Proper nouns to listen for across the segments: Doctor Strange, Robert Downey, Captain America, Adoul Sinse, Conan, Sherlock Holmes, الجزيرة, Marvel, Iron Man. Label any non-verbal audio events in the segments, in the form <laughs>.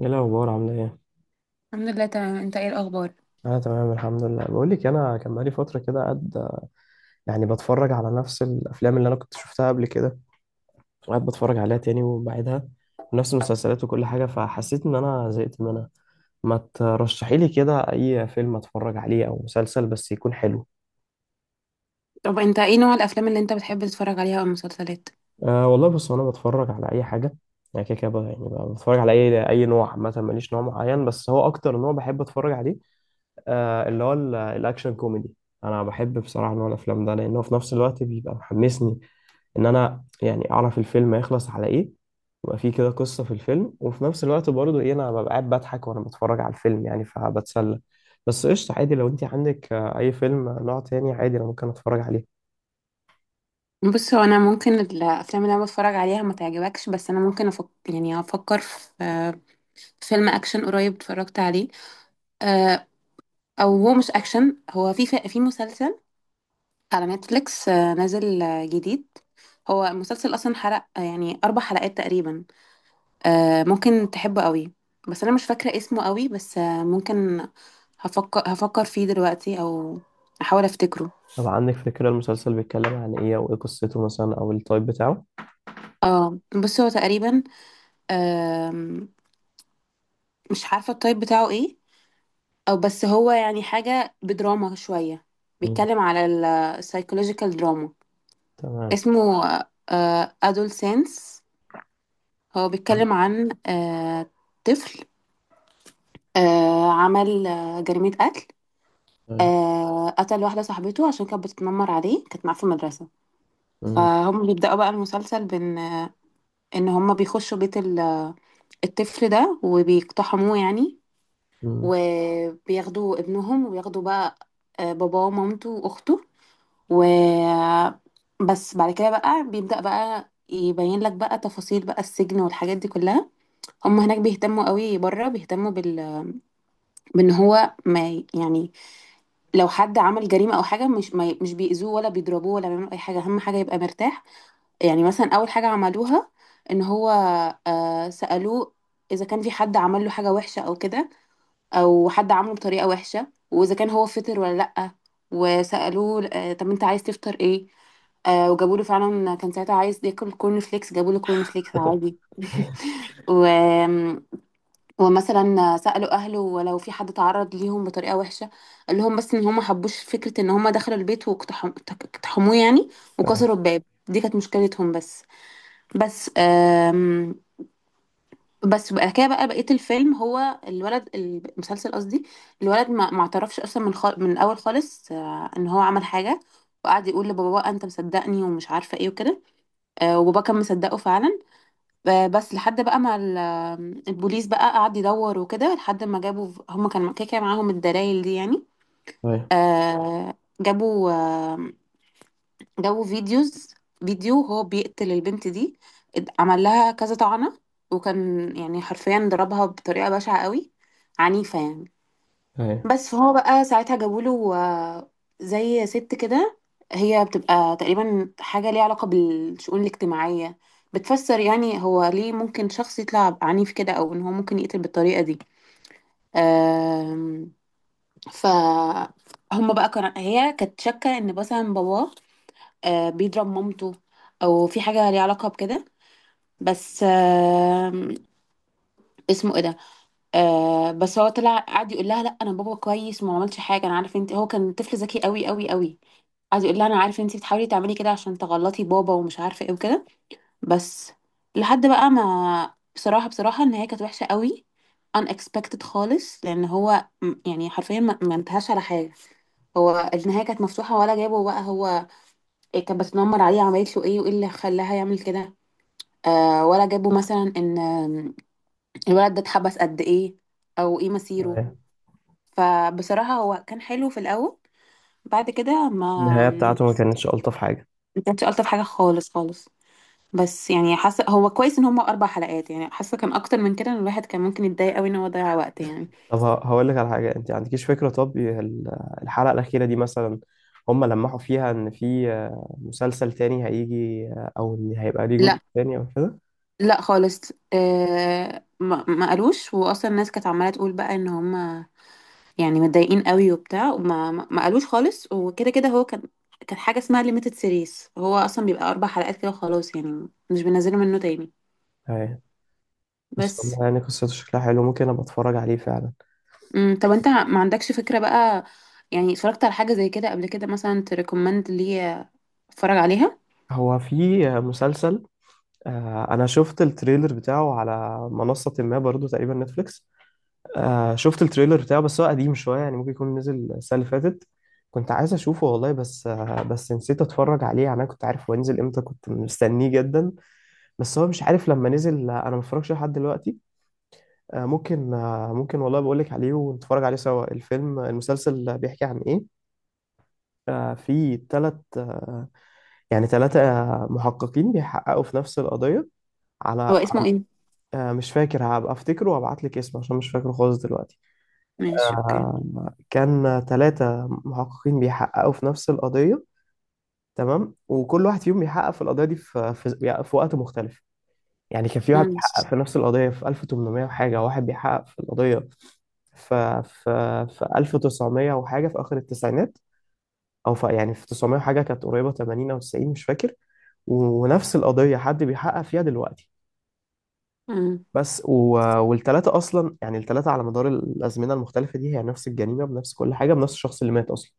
ايه الاخبار؟ عامله ايه؟ الحمد لله تمام. انت ايه الاخبار؟ انا تمام الحمد لله. بقول لك انا كان بقالي فتره كده قاعد يعني بتفرج على نفس الافلام اللي انا كنت شفتها قبل كده، قاعد بتفرج عليها تاني وبعيدها، ونفس المسلسلات وكل حاجه، فحسيت ان انا زهقت منها. ما ترشحي لي كده اي فيلم اتفرج عليه او مسلسل بس يكون حلو. طب انت ايه نوع الافلام اللي انت بتحب تتفرج عليها او المسلسلات؟ أه والله بص انا بتفرج على اي حاجه، يعني كده كده بقى بتفرج على اي نوع، عامه ماليش نوع معين. بس هو اكتر نوع بحب اتفرج عليه اللي هو الاكشن كوميدي. انا بحب بصراحه نوع الافلام ده لانه في نفس الوقت بيبقى محمسني ان انا يعني اعرف الفيلم هيخلص على ايه، يبقى فيه كده قصه في الفيلم، وفي نفس الوقت برضه ايه انا ببقى قاعد بضحك وانا بتفرج على الفيلم، يعني فبتسلى. بس قشطه، عادي لو انت عندك اي فيلم نوع تاني عادي انا ممكن اتفرج عليه. بص، هو انا ممكن الافلام اللي انا بتفرج عليها ما تعجبكش، بس انا ممكن افكر، يعني افكر في فيلم اكشن قريب اتفرجت عليه. آه، او هو مش اكشن، هو في مسلسل على نتفليكس، نازل، جديد. هو المسلسل اصلا حلق آه، يعني اربع حلقات تقريبا. ممكن تحبه قوي. بس انا مش فاكره اسمه قوي، بس ممكن هفكر فيه دلوقتي، او احاول افتكره. طب عندك فكره المسلسل بيتكلم عن ايه، او ايه قصته مثلا، او التايب بتاعه؟ اه، بس هو تقريبا آم، مش عارفة التايب بتاعه ايه، او بس هو يعني حاجة بدراما شوية. مم. بيتكلم على السايكولوجيكال دراما. تمام. اسمه ادول سينس. هو بيتكلم عن طفل عمل جريمة قتل. ايوه. قتل واحدة صاحبته عشان كانت بتتنمر عليه، كانت معاه في المدرسة. مم. فهم بيبدأوا بقى المسلسل بإن إن هم بيخشوا بيت الطفل ده وبيقتحموه يعني. مم. وبياخدوا ابنهم، وبياخدوا بقى باباه ومامته واخته. و بس بعد كده بقى بيبدأ بقى يبين لك بقى تفاصيل بقى السجن والحاجات دي كلها. هم هناك بيهتموا قوي، بره بيهتموا بال بان هو ما ي- يعني لو حد عمل جريمة او حاجة، مش ما ي- مش بيأذوه ولا بيضربوه ولا بيعملوا اي حاجة، اهم حاجة يبقى مرتاح. يعني مثلا اول حاجة عملوها ان هو سألوه اذا كان في حد عمل له حاجة وحشة او كده، او حد عامله بطريقه وحشه، واذا كان هو فطر ولا لا. وسالوه طب انت عايز تفطر ايه؟ آه، وجابوا له فعلا. كان ساعتها عايز ياكل كورن فليكس، جابوا له كورن فليكس عادي. <laughs> و... ومثلا سالوا اهله ولو في حد تعرض ليهم بطريقه وحشه. قال لهم بس ان هم ما حبوش فكره ان هم دخلوا البيت اقتحموه يعني، ايوه. وكسروا الباب. دي كانت مشكلتهم بس. بس بس بقى كده بقى بقية الفيلم هو الولد المسلسل قصدي. الولد ما اعترفش اصلا من الاول خالص ان هو عمل حاجة، وقعد يقول لبابا بقى انت مصدقني ومش عارفه ايه وكده. آه، وبابا كان مصدقه فعلا. آه، بس لحد بقى ما ال- البوليس بقى قعد يدور وكده، لحد ما جابوا هم كان كده كده معاهم الدلائل دي يعني. ايوه. آه، جابوا جابوا فيديوز، فيديو هو بيقتل البنت دي. عمل لها كذا طعنة، وكان يعني حرفيا ضربها بطريقة بشعة قوي، عنيفة يعني. ايوه. بس فهو بقى ساعتها جابوا له زي ست كده، هي بتبقى تقريبا حاجة ليها علاقة بالشؤون الاجتماعية، بتفسر يعني هو ليه ممكن شخص يطلع عنيف كده، او ان هو ممكن يقتل بالطريقة دي. آم، ف هم بقى كان هي كانت شاكة ان مثلا باباه آه بيضرب مامته، او في حاجه ليها علاقه بكده. بس آه، اسمه ايه ده. آه، بس هو طلع قعد يقول لها لا، انا بابا كويس وما عملش حاجه، انا عارف انت. هو كان طفل ذكي قوي قوي. قعد يقول لها انا عارف انت بتحاولي تعملي كده عشان تغلطي بابا ومش عارفه ايه وكده. بس لحد بقى ما، بصراحه بصراحه ان هي كانت وحشه قوي، unexpected خالص، لان هو يعني حرفيا ما انتهاش على حاجه. هو النهايه كانت مفتوحه، ولا جابه بقى هو إيه كانت بتتنمر عليه، عملت له ايه، وايه اللي خلاها يعمل كده. آه، ولا جابوا مثلا ان الولد ده اتحبس قد ايه، او ايه مصيره. أيوة. فبصراحة هو كان حلو في الاول، بعد كده النهايه ما بتاعته ما كانتش الطف حاجه. ما كانش الطف حاجة خالص خالص. بس يعني حاسة هو كويس ان هما اربع حلقات. يعني حاسة كان اكتر من كده إن الواحد كان ممكن يتضايق قوي ان هو ضيع وقت يعني. طب هقول لك على حاجة، انت عندكيش فكرة طب الحلقة الأخيرة دي مثلا هم لمحوا فيها ان في مسلسل تاني هيجي او ان هيبقى ليه جزء لا، تاني او كده؟ لا خالص. آه، ما قالوش. واصلا الناس كانت عمالة تقول بقى ان هما يعني متضايقين قوي وبتاع، وما ما ما قالوش خالص. وكده كده هو كان حاجة اسمها ليميتد سيريز، هو أصلا بيبقى أربع حلقات كده وخلاص يعني، مش بينزلوا منه تاني. ايوه، بس بس والله يعني قصته شكلها حلو، ممكن ابقى اتفرج عليه فعلا. مم. طب أنت ما عندكش فكرة بقى يعني اتفرجت على حاجة زي كده قبل كده مثلا تريكومند ليا، اتفرج عليها؟ هو في مسلسل، انا شفت التريلر بتاعه على منصة ما برضو تقريبا نتفليكس. شفت التريلر بتاعه بس هو قديم شوية، يعني ممكن يكون نزل السنة اللي فاتت. كنت عايز اشوفه والله، بس نسيت اتفرج عليه، يعني انا كنت عارف هو ينزل امتى، كنت مستنيه جدا. بس هو مش عارف، لما نزل انا ما اتفرجش لحد دلوقتي. ممكن والله بقول لك عليه ونتفرج عليه سوا. الفيلم المسلسل بيحكي عن ايه؟ آه، في ثلاث يعني ثلاثة محققين بيحققوا في نفس القضية، على هو اسمه ايه؟ مش فاكر، هبقى افتكره وابعت لك اسمه عشان مش فاكره خالص دلوقتي. ماشي، اوكي. كان ثلاثة محققين بيحققوا في نفس القضية، تمام، وكل واحد فيهم بيحقق في القضية دي في وقت مختلف. يعني كان في واحد مم. بيحقق في نفس القضية في 1800 وحاجة، واحد بيحقق في القضية ف في في 1900 وحاجة في آخر التسعينات. أو في يعني في 900 وحاجة، كانت قريبة 80 أو 90، مش فاكر. ونفس القضية حد بيحقق فيها دلوقتي. مم. بس والتلاتة أصلا، يعني التلاتة على مدار الأزمنة المختلفة دي هي نفس الجريمة بنفس كل حاجة، بنفس الشخص اللي مات أصلا.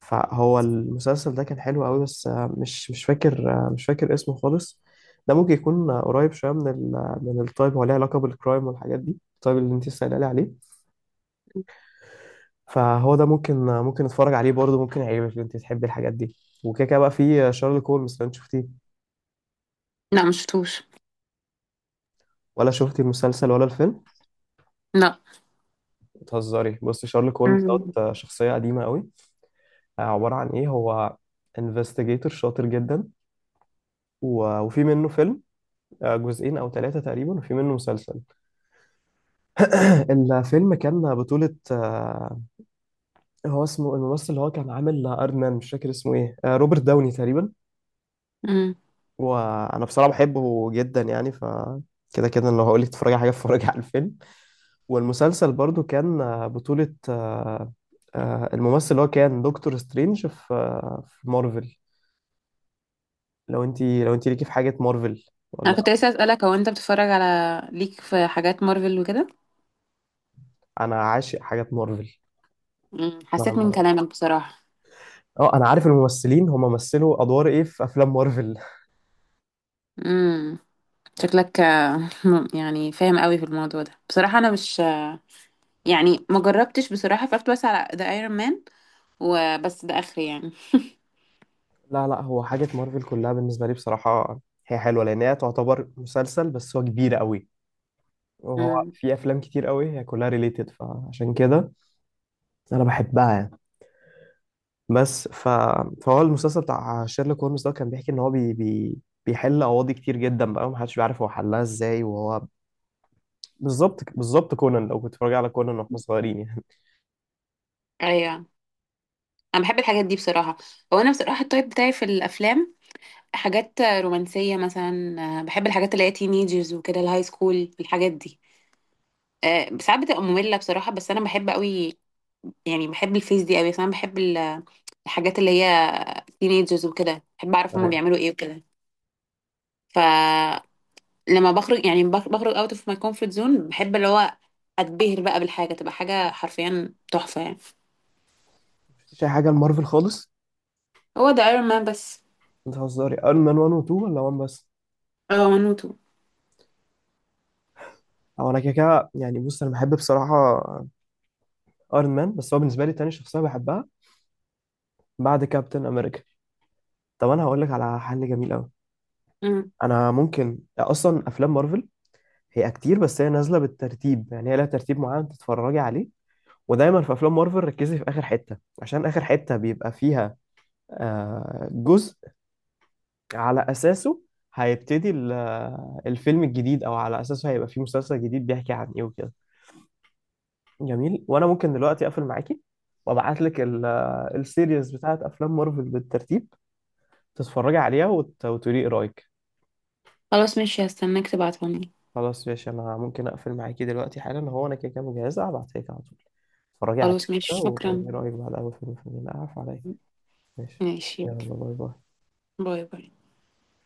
فهو المسلسل ده كان حلو قوي، بس مش فاكر، اسمه خالص. ده ممكن يكون قريب شويه من ال من التايب، هو ليه علاقه بالكرايم والحاجات دي، التايب اللي انت سائله لي عليه. فهو ده ممكن نتفرج عليه برضه، ممكن يعجبك لو انت تحبي الحاجات دي. وكده كده بقى في شارلوك هولمز، لو انت شفتيه، لا، مش شفتوش. ولا شفتي المسلسل ولا الفيلم؟ لا. بتهزري. بصي شارلوك هولمز دوت، مم. شخصيه قديمه قوي. عباره عن ايه هو؟ انفستيجيتور شاطر جدا، وفي منه فيلم، جزئين او ثلاثه تقريبا، وفي منه مسلسل. الفيلم كان بطولة هو اسمه الممثل اللي هو كان عامل ايرون مان، مش فاكر اسمه ايه، روبرت داوني تقريبا. مم. وانا بصراحة بحبه جدا يعني، كده كده لو هقول لك تتفرجي على حاجة، اتفرجي على الفيلم. والمسلسل برضو كان بطولة الممثل اللي هو كان دكتور سترينج في مارفل. لو انت ليكي في حاجة مارفل، انا ولا؟ كنت لسه اسالك هو انت بتتفرج على، ليك في حاجات مارفل وكده؟ انا عاشق حاجات مارفل. مم. حسيت من نعم. كلامك بصراحه. اه انا عارف الممثلين هم مثلوا ادوار ايه في افلام مارفل. امم، شكلك يعني فاهم قوي في الموضوع ده. بصراحة انا مش، يعني ما جربتش بصراحة، اتفرجت بس على ذا ايرون مان وبس، ده اخري يعني. لا لا، هو حاجة مارفل كلها بالنسبة لي بصراحة هي حلوة، لأن هي تعتبر مسلسل بس هو كبير قوي، وهو امم. في أفلام كتير قوي هي كلها ريليتد فعشان كده أنا بحبها يعني. بس ف... فهو المسلسل بتاع شيرلوك هولمز ده كان بيحكي إن هو بيحل قواضي كتير جدا بقى، ومحدش بيعرف هو حلها إزاي. وهو بالظبط بالظبط كونان، لو كنت بتتفرج على كونان وإحنا صغيرين ايوه، انا بحب الحاجات دي بصراحة. هو انا بصراحة التايب بتاعي في الافلام حاجات رومانسية مثلا. بحب الحاجات اللي هي تينيجرز وكده، الهاي سكول الحاجات دي. ساعات بتبقى مملة بصراحة، بس انا بحب قوي يعني، بحب الفيس دي قوي. بس انا بحب الحاجات اللي هي تينيجرز وكده، بحب اعرف هما يعني. بيعملوا ايه وكده. ف لما بخرج يعني، بخرج اوت اوف ماي كومفورت زون، بحب اللي هو اتبهر بقى بالحاجه، تبقى حاجه حرفيا تحفه يعني. <laughs> مفيش أي حاجة لمارفل خالص. هو ده ايرون مان بس، أنت بتهزري. أيرون مان 1 و 2 ولا 1 بس؟ اه ونوتو. هو أنا كده كده يعني، بص أنا بحب بصراحة ايرون مان، بس هو بالنسبه لي تاني شخصيه بحبها بعد كابتن امريكا. طب انا هقول لك على حل جميل قوي. مم. انا ممكن اصلا افلام مارفل هي كتير، بس هي نازله بالترتيب، يعني هي لها ترتيب معين تتفرجي عليه. ودايما في افلام مارفل ركزي في اخر حته، عشان اخر حته بيبقى فيها جزء على اساسه هيبتدي الفيلم الجديد، او على اساسه هيبقى فيه مسلسل جديد بيحكي عن ايه وكده. جميل. وانا ممكن دلوقتي اقفل معاكي وابعت لك السيريز بتاعت افلام مارفل بالترتيب تتفرجي عليها، وتقولي ايه رايك. خلاص ماشي، هستناك تبعتهولي. خلاص ماشي، انا ممكن اقفل معاكي دلوقتي حالا، هو انا كده كده مجهزه، هبعتها لك على طول اتفرجي عليها. خلاص كده ماشي، شكرا. وايه رايك بعد اول فيلم، اعرف عليا. ماشي. ماشي، يلا. يلا باي باي. باي باي.